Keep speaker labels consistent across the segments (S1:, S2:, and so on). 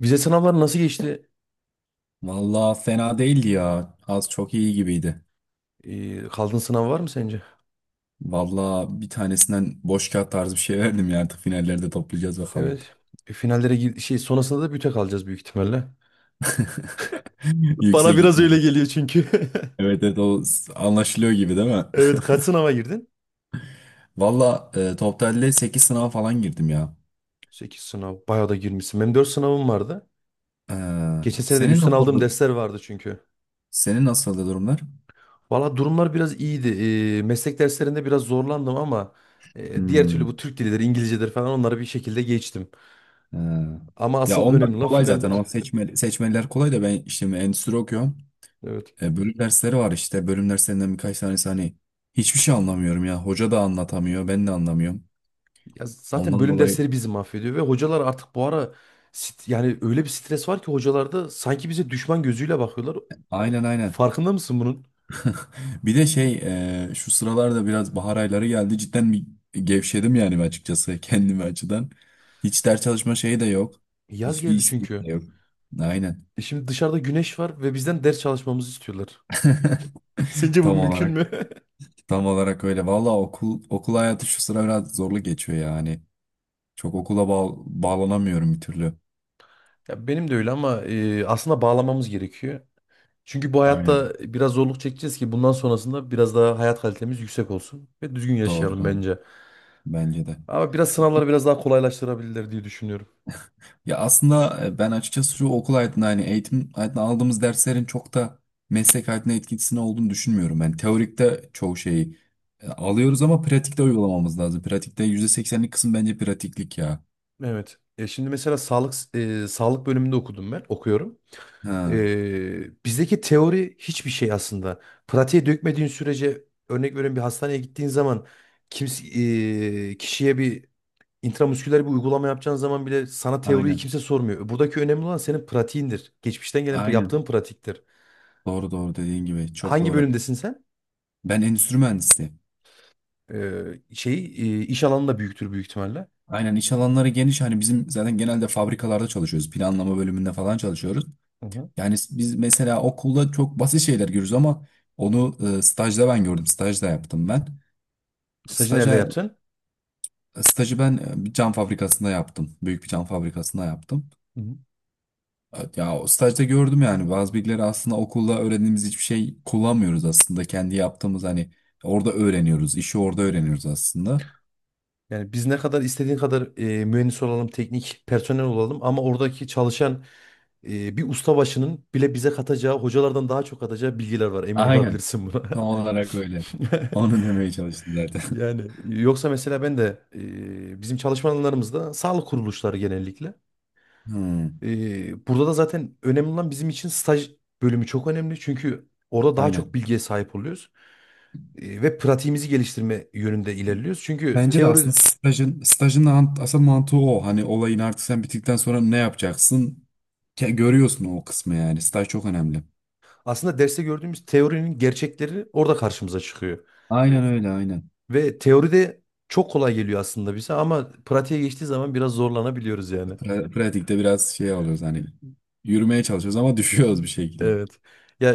S1: Vize sınavları nasıl geçti?
S2: Valla fena değildi ya. Az çok iyi gibiydi.
S1: Kaldığın sınav var mı sence?
S2: Valla bir tanesinden boş kağıt tarzı bir şey verdim ya. Artık finallerde toplayacağız bakalım.
S1: Evet. E, finallere gir- şey sonrasında da büte kalacağız büyük ihtimalle. Bana
S2: Yüksek
S1: biraz
S2: ihtimal.
S1: öyle geliyor çünkü.
S2: Evet evet, anlaşılıyor gibi değil mi?
S1: Evet, kaç sınava girdin?
S2: Valla totalde 8 sınava falan girdim ya.
S1: 8 sınav. Bayağı da girmişsin. Benim 4 sınavım vardı.
S2: Ee,
S1: Geçen seneden
S2: senin
S1: üstten
S2: nasıl
S1: aldığım dersler vardı çünkü.
S2: senin nasıldı durumlar?
S1: Valla durumlar biraz iyiydi. Meslek derslerinde biraz zorlandım ama diğer türlü
S2: Hmm,
S1: bu Türk dilidir, İngilizcedir falan onları bir şekilde geçtim.
S2: ee.
S1: Ama
S2: Ya
S1: asıl
S2: onlar
S1: önemli olan
S2: kolay zaten.
S1: finaller.
S2: O seçmeliler kolay da ben işte endüstri okuyorum.
S1: Evet.
S2: Bölüm dersleri var işte. Bölüm derslerinden birkaç tanesi hani hiçbir şey anlamıyorum ya. Hoca da anlatamıyor, ben de anlamıyorum.
S1: Ya zaten
S2: Ondan
S1: bölüm
S2: dolayı
S1: dersleri bizi mahvediyor ve hocalar artık bu ara yani öyle bir stres var ki hocalarda sanki bize düşman gözüyle bakıyorlar.
S2: aynen aynen.
S1: Farkında mısın bunun?
S2: Bir de şey şu sıralarda biraz bahar ayları geldi. Cidden bir gevşedim yani açıkçası kendimi açıdan. Hiç ders çalışma şeyi de yok.
S1: Yaz
S2: Hiçbir
S1: geldi
S2: istek
S1: çünkü.
S2: de yok. Aynen.
S1: Şimdi dışarıda güneş var ve bizden ders çalışmamızı istiyorlar. Sence bu
S2: Tam
S1: mümkün
S2: olarak
S1: mü?
S2: tam olarak öyle. Valla okul hayatı şu sıra biraz zorlu geçiyor yani. Çok okula bağlanamıyorum bir türlü.
S1: Ya benim de öyle ama aslında bağlamamız gerekiyor. Çünkü bu hayatta
S2: Aynen.
S1: biraz zorluk çekeceğiz ki bundan sonrasında biraz daha hayat kalitemiz yüksek olsun ve düzgün
S2: Doğru
S1: yaşayalım
S2: doğru.
S1: bence.
S2: Bence de.
S1: Ama biraz sınavları biraz daha kolaylaştırabilirler diye düşünüyorum.
S2: Ya aslında ben açıkçası şu okul hayatında hani eğitim hayatında aldığımız derslerin çok da meslek hayatına etkisini olduğunu düşünmüyorum. Ben teorikte çoğu şeyi alıyoruz ama pratikte uygulamamız lazım. Pratikte %80'lik kısım bence pratiklik ya.
S1: Evet. Şimdi mesela sağlık sağlık bölümünde okudum ben, okuyorum.
S2: Ha,
S1: Bizdeki teori hiçbir şey aslında. Pratiğe dökmediğin sürece örnek veriyorum bir hastaneye gittiğin zaman kimse kişiye bir intramusküler bir uygulama yapacağın zaman bile sana teoriyi
S2: aynen.
S1: kimse sormuyor. Buradaki önemli olan senin pratiğindir. Geçmişten gelen
S2: Aynen.
S1: yaptığın pratiktir.
S2: Doğru doğru dediğin gibi. Çok
S1: Hangi
S2: doğru.
S1: bölümdesin sen?
S2: Ben endüstri mühendisi.
S1: E, şeyi e, iş alanında büyüktür büyük ihtimalle.
S2: Aynen iş alanları geniş. Hani bizim zaten genelde fabrikalarda çalışıyoruz. Planlama bölümünde falan çalışıyoruz.
S1: Hı hı.
S2: Yani biz mesela okulda çok basit şeyler görürüz ama onu stajda ben gördüm. Stajda yaptım ben.
S1: Stajı nerede
S2: Staja,
S1: yaptın?
S2: stajı ben bir cam fabrikasında yaptım. Büyük bir cam fabrikasında yaptım.
S1: Hı hı.
S2: Evet, ya o stajda gördüm yani bazı bilgileri aslında okulda öğrendiğimiz hiçbir şey kullanmıyoruz aslında. Kendi yaptığımız hani orada öğreniyoruz. İşi orada öğreniyoruz aslında.
S1: Yani biz ne kadar istediğin kadar mühendis olalım, teknik personel olalım ama oradaki çalışan bir ustabaşının bile bize katacağı, hocalardan daha çok katacağı bilgiler var. Emin
S2: Aynen.
S1: olabilirsin
S2: Tam
S1: buna.
S2: olarak öyle. Onu demeye çalıştım zaten.
S1: Yani yoksa mesela ben de bizim çalışma alanlarımızda sağlık kuruluşları genellikle.
S2: Hmm,
S1: Burada da zaten önemli olan bizim için staj bölümü çok önemli. Çünkü orada daha çok
S2: aynen.
S1: bilgiye sahip oluyoruz. Ve pratiğimizi geliştirme yönünde ilerliyoruz. Çünkü
S2: Bence de
S1: teori.
S2: aslında stajın asıl mantığı o. Hani olayın artık sen bittikten sonra ne yapacaksın? Görüyorsun o kısmı yani. Staj çok önemli.
S1: Aslında derste gördüğümüz teorinin gerçekleri orada karşımıza çıkıyor.
S2: Aynen öyle aynen.
S1: Ve teoride çok kolay geliyor aslında bize ama pratiğe geçtiği zaman biraz zorlanabiliyoruz yani.
S2: Pratikte biraz şey oluyoruz hani yürümeye çalışıyoruz ama düşüyoruz bir şekilde.
S1: Evet. Ya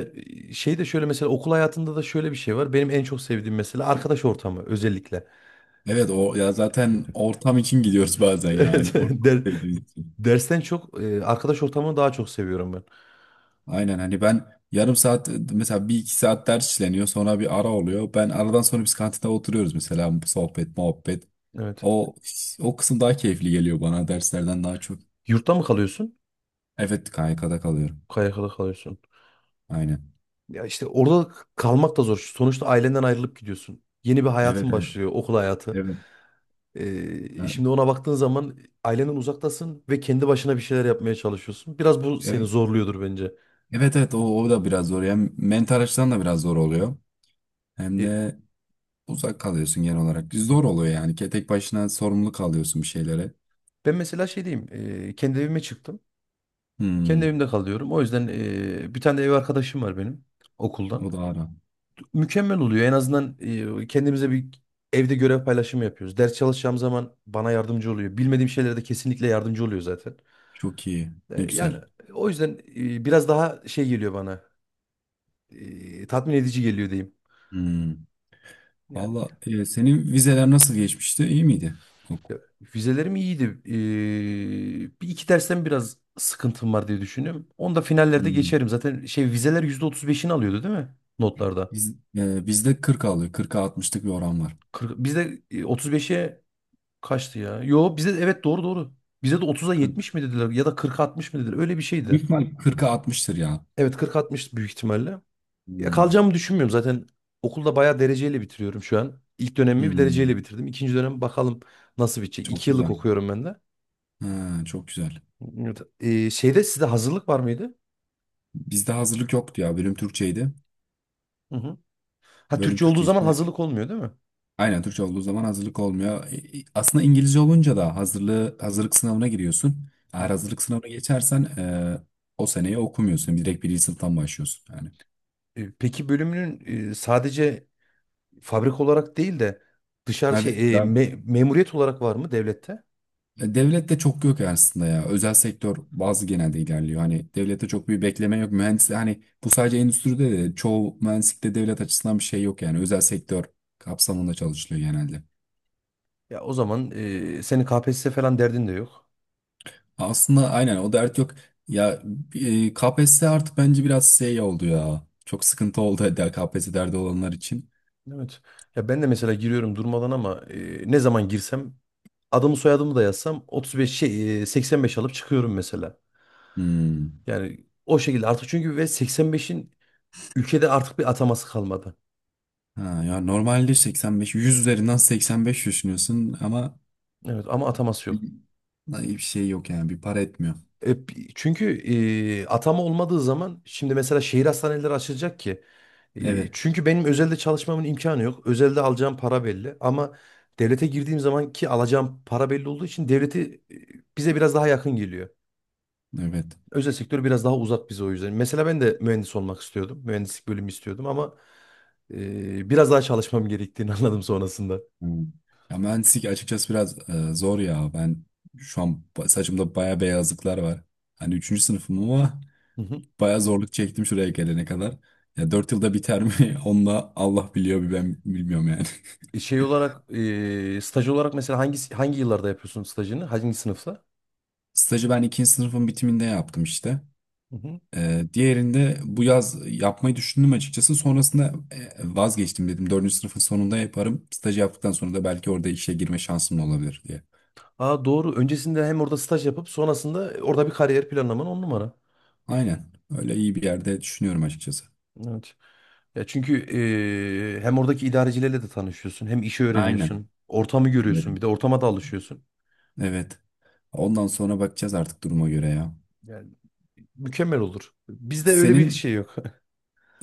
S1: şey de şöyle mesela okul hayatında da şöyle bir şey var. Benim en çok sevdiğim mesela arkadaş ortamı özellikle.
S2: Evet o ya zaten ortam için gidiyoruz bazen yani.
S1: Evet.
S2: Ortam
S1: Der,
S2: sevdiğimiz için.
S1: dersten çok arkadaş ortamını daha çok seviyorum ben.
S2: Aynen hani ben yarım saat mesela bir iki saat ders işleniyor sonra bir ara oluyor. Ben aradan sonra biz kantinde oturuyoruz mesela sohbet muhabbet.
S1: Evet.
S2: O o kısım daha keyifli geliyor bana derslerden daha çok.
S1: Yurtta mı kalıyorsun?
S2: Evet, KYK'da kalıyorum.
S1: KYK'da kalıyorsun.
S2: Aynen.
S1: Ya işte orada kalmak da zor. Sonuçta ailenden ayrılıp gidiyorsun. Yeni bir
S2: Evet
S1: hayatın
S2: evet.
S1: başlıyor, okul hayatı.
S2: Evet.
S1: Ee,
S2: Ha,
S1: şimdi ona baktığın zaman ailenden uzaktasın ve kendi başına bir şeyler yapmaya çalışıyorsun. Biraz bu seni
S2: evet
S1: zorluyordur bence.
S2: evet, evet, o da biraz zor. Hem mental açıdan da biraz zor oluyor. Hem
S1: Ee,
S2: de uzak kalıyorsun genel olarak. Zor oluyor yani. Tek başına sorumlu kalıyorsun bir şeylere.
S1: ben mesela şey diyeyim, kendi evime çıktım. Kendi
S2: Hmm,
S1: evimde kalıyorum. O yüzden bir tane de ev arkadaşım var benim okuldan.
S2: o da ara.
S1: Mükemmel oluyor. En azından kendimize bir evde görev paylaşımı yapıyoruz. Ders çalışacağım zaman bana yardımcı oluyor. Bilmediğim şeylere de kesinlikle yardımcı oluyor zaten.
S2: Çok iyi. Ne
S1: Yani
S2: güzel.
S1: o yüzden biraz daha şey geliyor bana. Tatmin edici geliyor diyeyim.
S2: Hmm.
S1: Yani.
S2: Valla senin vizeler nasıl geçmişti? İyi miydi? Yok.
S1: Ya, vizelerim iyiydi. Bir iki dersten biraz sıkıntım var diye düşünüyorum. Onu da finallerde
S2: Hmm.
S1: geçerim. Zaten vizeler %35'ini alıyordu değil mi? Notlarda.
S2: Bizde 40 alıyor. 40'a 60'lık bir oran var.
S1: 40, bizde otuz beşe kaçtı ya? Yo bizde evet, doğru doğru. Bize de otuz'a
S2: 40.
S1: 70 mi dediler ya da kırk altmış mı dediler? Öyle bir şeydi.
S2: Büyük ihtimal 40'a 60'tır ya.
S1: Evet, kırk altmış büyük ihtimalle. Ya
S2: Hmm.
S1: kalacağımı düşünmüyorum zaten. Okulda bayağı dereceyle bitiriyorum şu an. İlk dönemimi bir dereceyle
S2: Hmm.
S1: bitirdim. İkinci dönem bakalım nasıl bitecek.
S2: Çok
S1: 2 yıllık
S2: güzel.
S1: okuyorum ben de.
S2: Ha, çok güzel.
S1: Evet. Şeyde sizde hazırlık var mıydı?
S2: Bizde hazırlık yoktu ya. Bölüm Türkçeydi.
S1: Hı hı. Ha,
S2: Bölüm
S1: Türkçe olduğu
S2: Türkçe
S1: zaman
S2: işte.
S1: hazırlık olmuyor değil mi?
S2: Aynen Türkçe olduğu zaman hazırlık olmuyor. Aslında İngilizce olunca da hazırlık sınavına giriyorsun.
S1: Hı
S2: Eğer
S1: hı.
S2: hazırlık sınavına geçersen o seneyi okumuyorsun. Direkt birinci sınıftan başlıyorsun yani.
S1: Peki bölümünün sadece fabrika olarak değil de dışarı
S2: Abi,
S1: şey e,
S2: ya,
S1: me- memuriyet olarak var mı devlette?
S2: devlette çok yok aslında ya. Özel sektör bazı genelde ilerliyor. Hani devlette çok bir bekleme yok. Mühendis hani bu sadece endüstride de çoğu mühendislikte devlet açısından bir şey yok yani. Özel sektör kapsamında çalışılıyor genelde.
S1: Ya o zaman senin KPSS falan derdin de yok.
S2: Aslında aynen o dert yok. Ya KPSS artık bence biraz şey oldu ya. Çok sıkıntı oldu der KPSS derdi olanlar için.
S1: Evet. Ya ben de mesela giriyorum durmadan ama ne zaman girsem adımı soyadımı da yazsam 35 85 alıp çıkıyorum mesela.
S2: Hmm.
S1: Yani o şekilde artık çünkü ve 85'in ülkede artık bir ataması kalmadı.
S2: Ha, ya normalde 85 100 üzerinden 85 düşünüyorsun ama
S1: Evet, ama ataması
S2: bir,
S1: yok.
S2: bir şey yok yani bir para etmiyor.
S1: E, çünkü atama olmadığı zaman şimdi mesela şehir hastaneleri açılacak ki. E,
S2: Evet.
S1: çünkü benim özelde çalışmamın imkanı yok. Özelde alacağım para belli ama devlete girdiğim zaman ki alacağım para belli olduğu için devleti bize biraz daha yakın geliyor.
S2: Evet.
S1: Özel sektör biraz daha uzak bize o yüzden. Mesela ben de mühendis olmak istiyordum. Mühendislik bölümü istiyordum ama biraz daha çalışmam gerektiğini anladım sonrasında.
S2: Hmm. Ya mühendislik açıkçası biraz zor ya. Ben şu an saçımda baya beyazlıklar var. Hani 3. sınıfım ama
S1: Hı hı.
S2: bayağı zorluk çektim şuraya gelene kadar. Ya 4 yılda biter mi? Onu da Allah biliyor bir ben bilmiyorum yani.
S1: E, Şey olarak staj olarak mesela hangi yıllarda yapıyorsun stajını? Hangi sınıfta?
S2: Stajı ben ikinci sınıfın bitiminde yaptım işte. Diğerinde bu yaz yapmayı düşündüm açıkçası. Sonrasında vazgeçtim dedim. Dördüncü sınıfın sonunda yaparım. Stajı yaptıktan sonra da belki orada işe girme şansım da olabilir diye.
S1: Aa, doğru. Öncesinde hem orada staj yapıp sonrasında orada bir kariyer planlaman on numara.
S2: Aynen. Öyle iyi bir yerde düşünüyorum açıkçası.
S1: Evet. Ya çünkü hem oradaki idarecilerle de tanışıyorsun, hem işi
S2: Aynen.
S1: öğreniyorsun, ortamı
S2: Evet.
S1: görüyorsun, bir de ortama da alışıyorsun.
S2: Evet. Ondan sonra bakacağız artık duruma göre ya.
S1: Yani mükemmel olur. Bizde öyle bir
S2: Senin
S1: şey yok.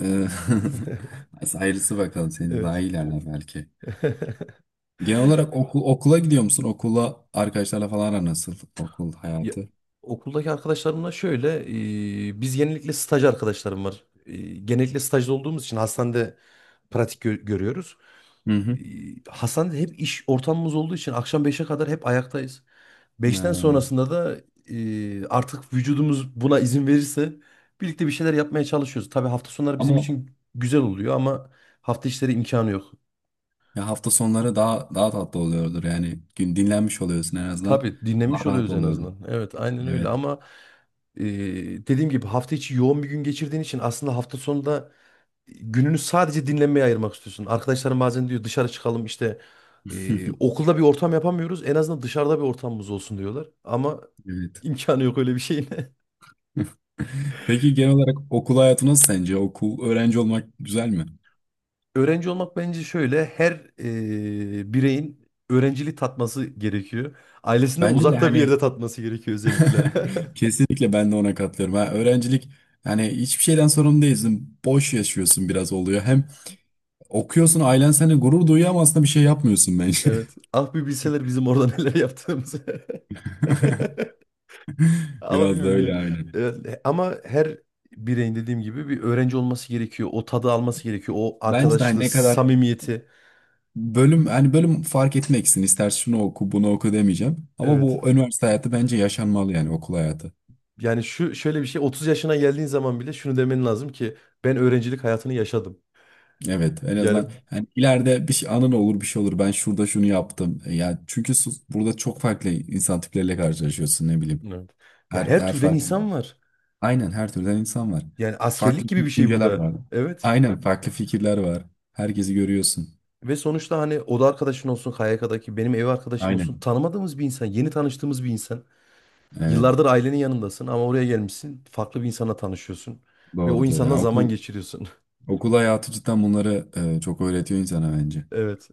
S2: Ee, Ayrısı bakalım seni daha
S1: Evet.
S2: iyilerler belki. Genel olarak okula gidiyor musun? Okula arkadaşlarla falan aran nasıl? Okul
S1: Ya,
S2: hayatı.
S1: okuldaki arkadaşlarımla şöyle, biz genellikle staj arkadaşlarım var. Genellikle stajda olduğumuz için hastanede pratik görüyoruz.
S2: Hı
S1: Ee,
S2: hı.
S1: Hastanede hep iş ortamımız olduğu için akşam beşe kadar hep ayaktayız. Beşten
S2: Ya.
S1: sonrasında da artık vücudumuz buna izin verirse birlikte bir şeyler yapmaya çalışıyoruz. Tabii hafta sonları bizim
S2: Ama
S1: için güzel oluyor ama hafta içleri imkanı yok.
S2: ya hafta sonları daha tatlı oluyordur yani. Gün dinlenmiş oluyorsun en azından.
S1: Tabii
S2: Daha
S1: dinlenmiş
S2: rahat
S1: oluyoruz en
S2: oluyordur.
S1: azından. Evet, aynen öyle
S2: Evet.
S1: ama e, dediğim gibi hafta içi yoğun bir gün geçirdiğin için aslında hafta sonunda gününü sadece dinlenmeye ayırmak istiyorsun. Arkadaşlarım bazen diyor dışarı çıkalım işte okulda bir ortam yapamıyoruz. En azından dışarıda bir ortamımız olsun diyorlar. Ama
S2: Evet.
S1: imkanı yok öyle bir şeyin.
S2: Peki genel olarak okul hayatı nasıl sence? Okul öğrenci olmak güzel mi?
S1: Öğrenci olmak bence şöyle her bireyin öğrenciliği tatması gerekiyor. Ailesinden
S2: Bence de
S1: uzakta bir
S2: hani.
S1: yerde tatması gerekiyor özellikle.
S2: Kesinlikle ben de ona katılıyorum. Ha, öğrencilik yani hiçbir şeyden sorumlu değilsin. Boş yaşıyorsun biraz oluyor. Hem okuyorsun ailen seni gurur duyuyor ama aslında bir şey yapmıyorsun bence.
S1: Evet. Ah, bir bilseler bizim orada neler yaptığımızı. Ama
S2: Biraz da
S1: bilmiyorum ya.
S2: öyle aynen.
S1: Evet, ama her bireyin dediğim gibi bir öğrenci olması gerekiyor. O tadı alması gerekiyor. O
S2: Bence de hani
S1: arkadaşlığı,
S2: ne kadar
S1: samimiyeti.
S2: bölüm hani bölüm fark etmeksin. İster şunu oku bunu oku demeyeceğim. Ama
S1: Evet.
S2: bu üniversite hayatı bence yaşanmalı yani okul hayatı.
S1: Yani şu şöyle bir şey 30 yaşına geldiğin zaman bile şunu demen lazım ki ben öğrencilik hayatını yaşadım.
S2: Evet, en azından
S1: Yani.
S2: hani ileride bir şey, anın olur bir şey olur. Ben şurada şunu yaptım. Ya çünkü burada çok farklı insan tipleriyle karşılaşıyorsun ne bileyim.
S1: Evet. Ya,
S2: Her,
S1: her
S2: her
S1: türden
S2: farklı.
S1: insan var.
S2: Aynen her türden insan var.
S1: Yani
S2: Farklı
S1: askerlik gibi bir şey bu
S2: düşünceler
S1: da.
S2: var.
S1: Evet.
S2: Aynen farklı fikirler var. Herkesi görüyorsun.
S1: Ve sonuçta hani oda arkadaşın olsun, KYK'daki benim ev arkadaşım olsun
S2: Aynen.
S1: tanımadığımız bir insan, yeni tanıştığımız bir insan.
S2: Evet.
S1: Yıllardır ailenin yanındasın ama oraya gelmişsin. Farklı bir insana tanışıyorsun. Ve o
S2: Doğru doğru. Yani
S1: insanla zaman
S2: okul
S1: geçiriyorsun.
S2: okul hayatı cidden bunları çok öğretiyor insana bence.
S1: Evet.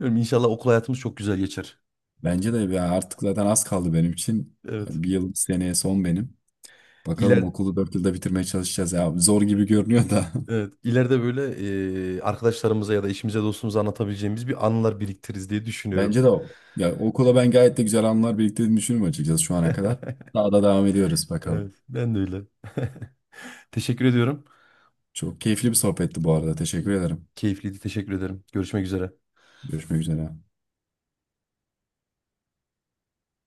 S1: Bilmiyorum, İnşallah okul hayatımız çok güzel geçer.
S2: Bence de ya artık zaten az kaldı benim için.
S1: Evet.
S2: Bir yıl seneye son benim. Bakalım
S1: İler,
S2: okulu 4 yılda bitirmeye çalışacağız ya. Zor gibi görünüyor da.
S1: evet. İleride böyle arkadaşlarımıza ya da eşimize dostumuza anlatabileceğimiz bir anılar biriktiririz diye düşünüyorum.
S2: Bence de o. Ya okula ben gayet de güzel anılar biriktirdiğini düşünüyorum açıkçası şu ana kadar. Daha da devam ediyoruz bakalım.
S1: Evet. Ben de öyle. Teşekkür ediyorum.
S2: Çok keyifli bir sohbetti bu arada. Teşekkür ederim.
S1: Keyifliydi. Teşekkür ederim. Görüşmek üzere.
S2: Görüşmek üzere.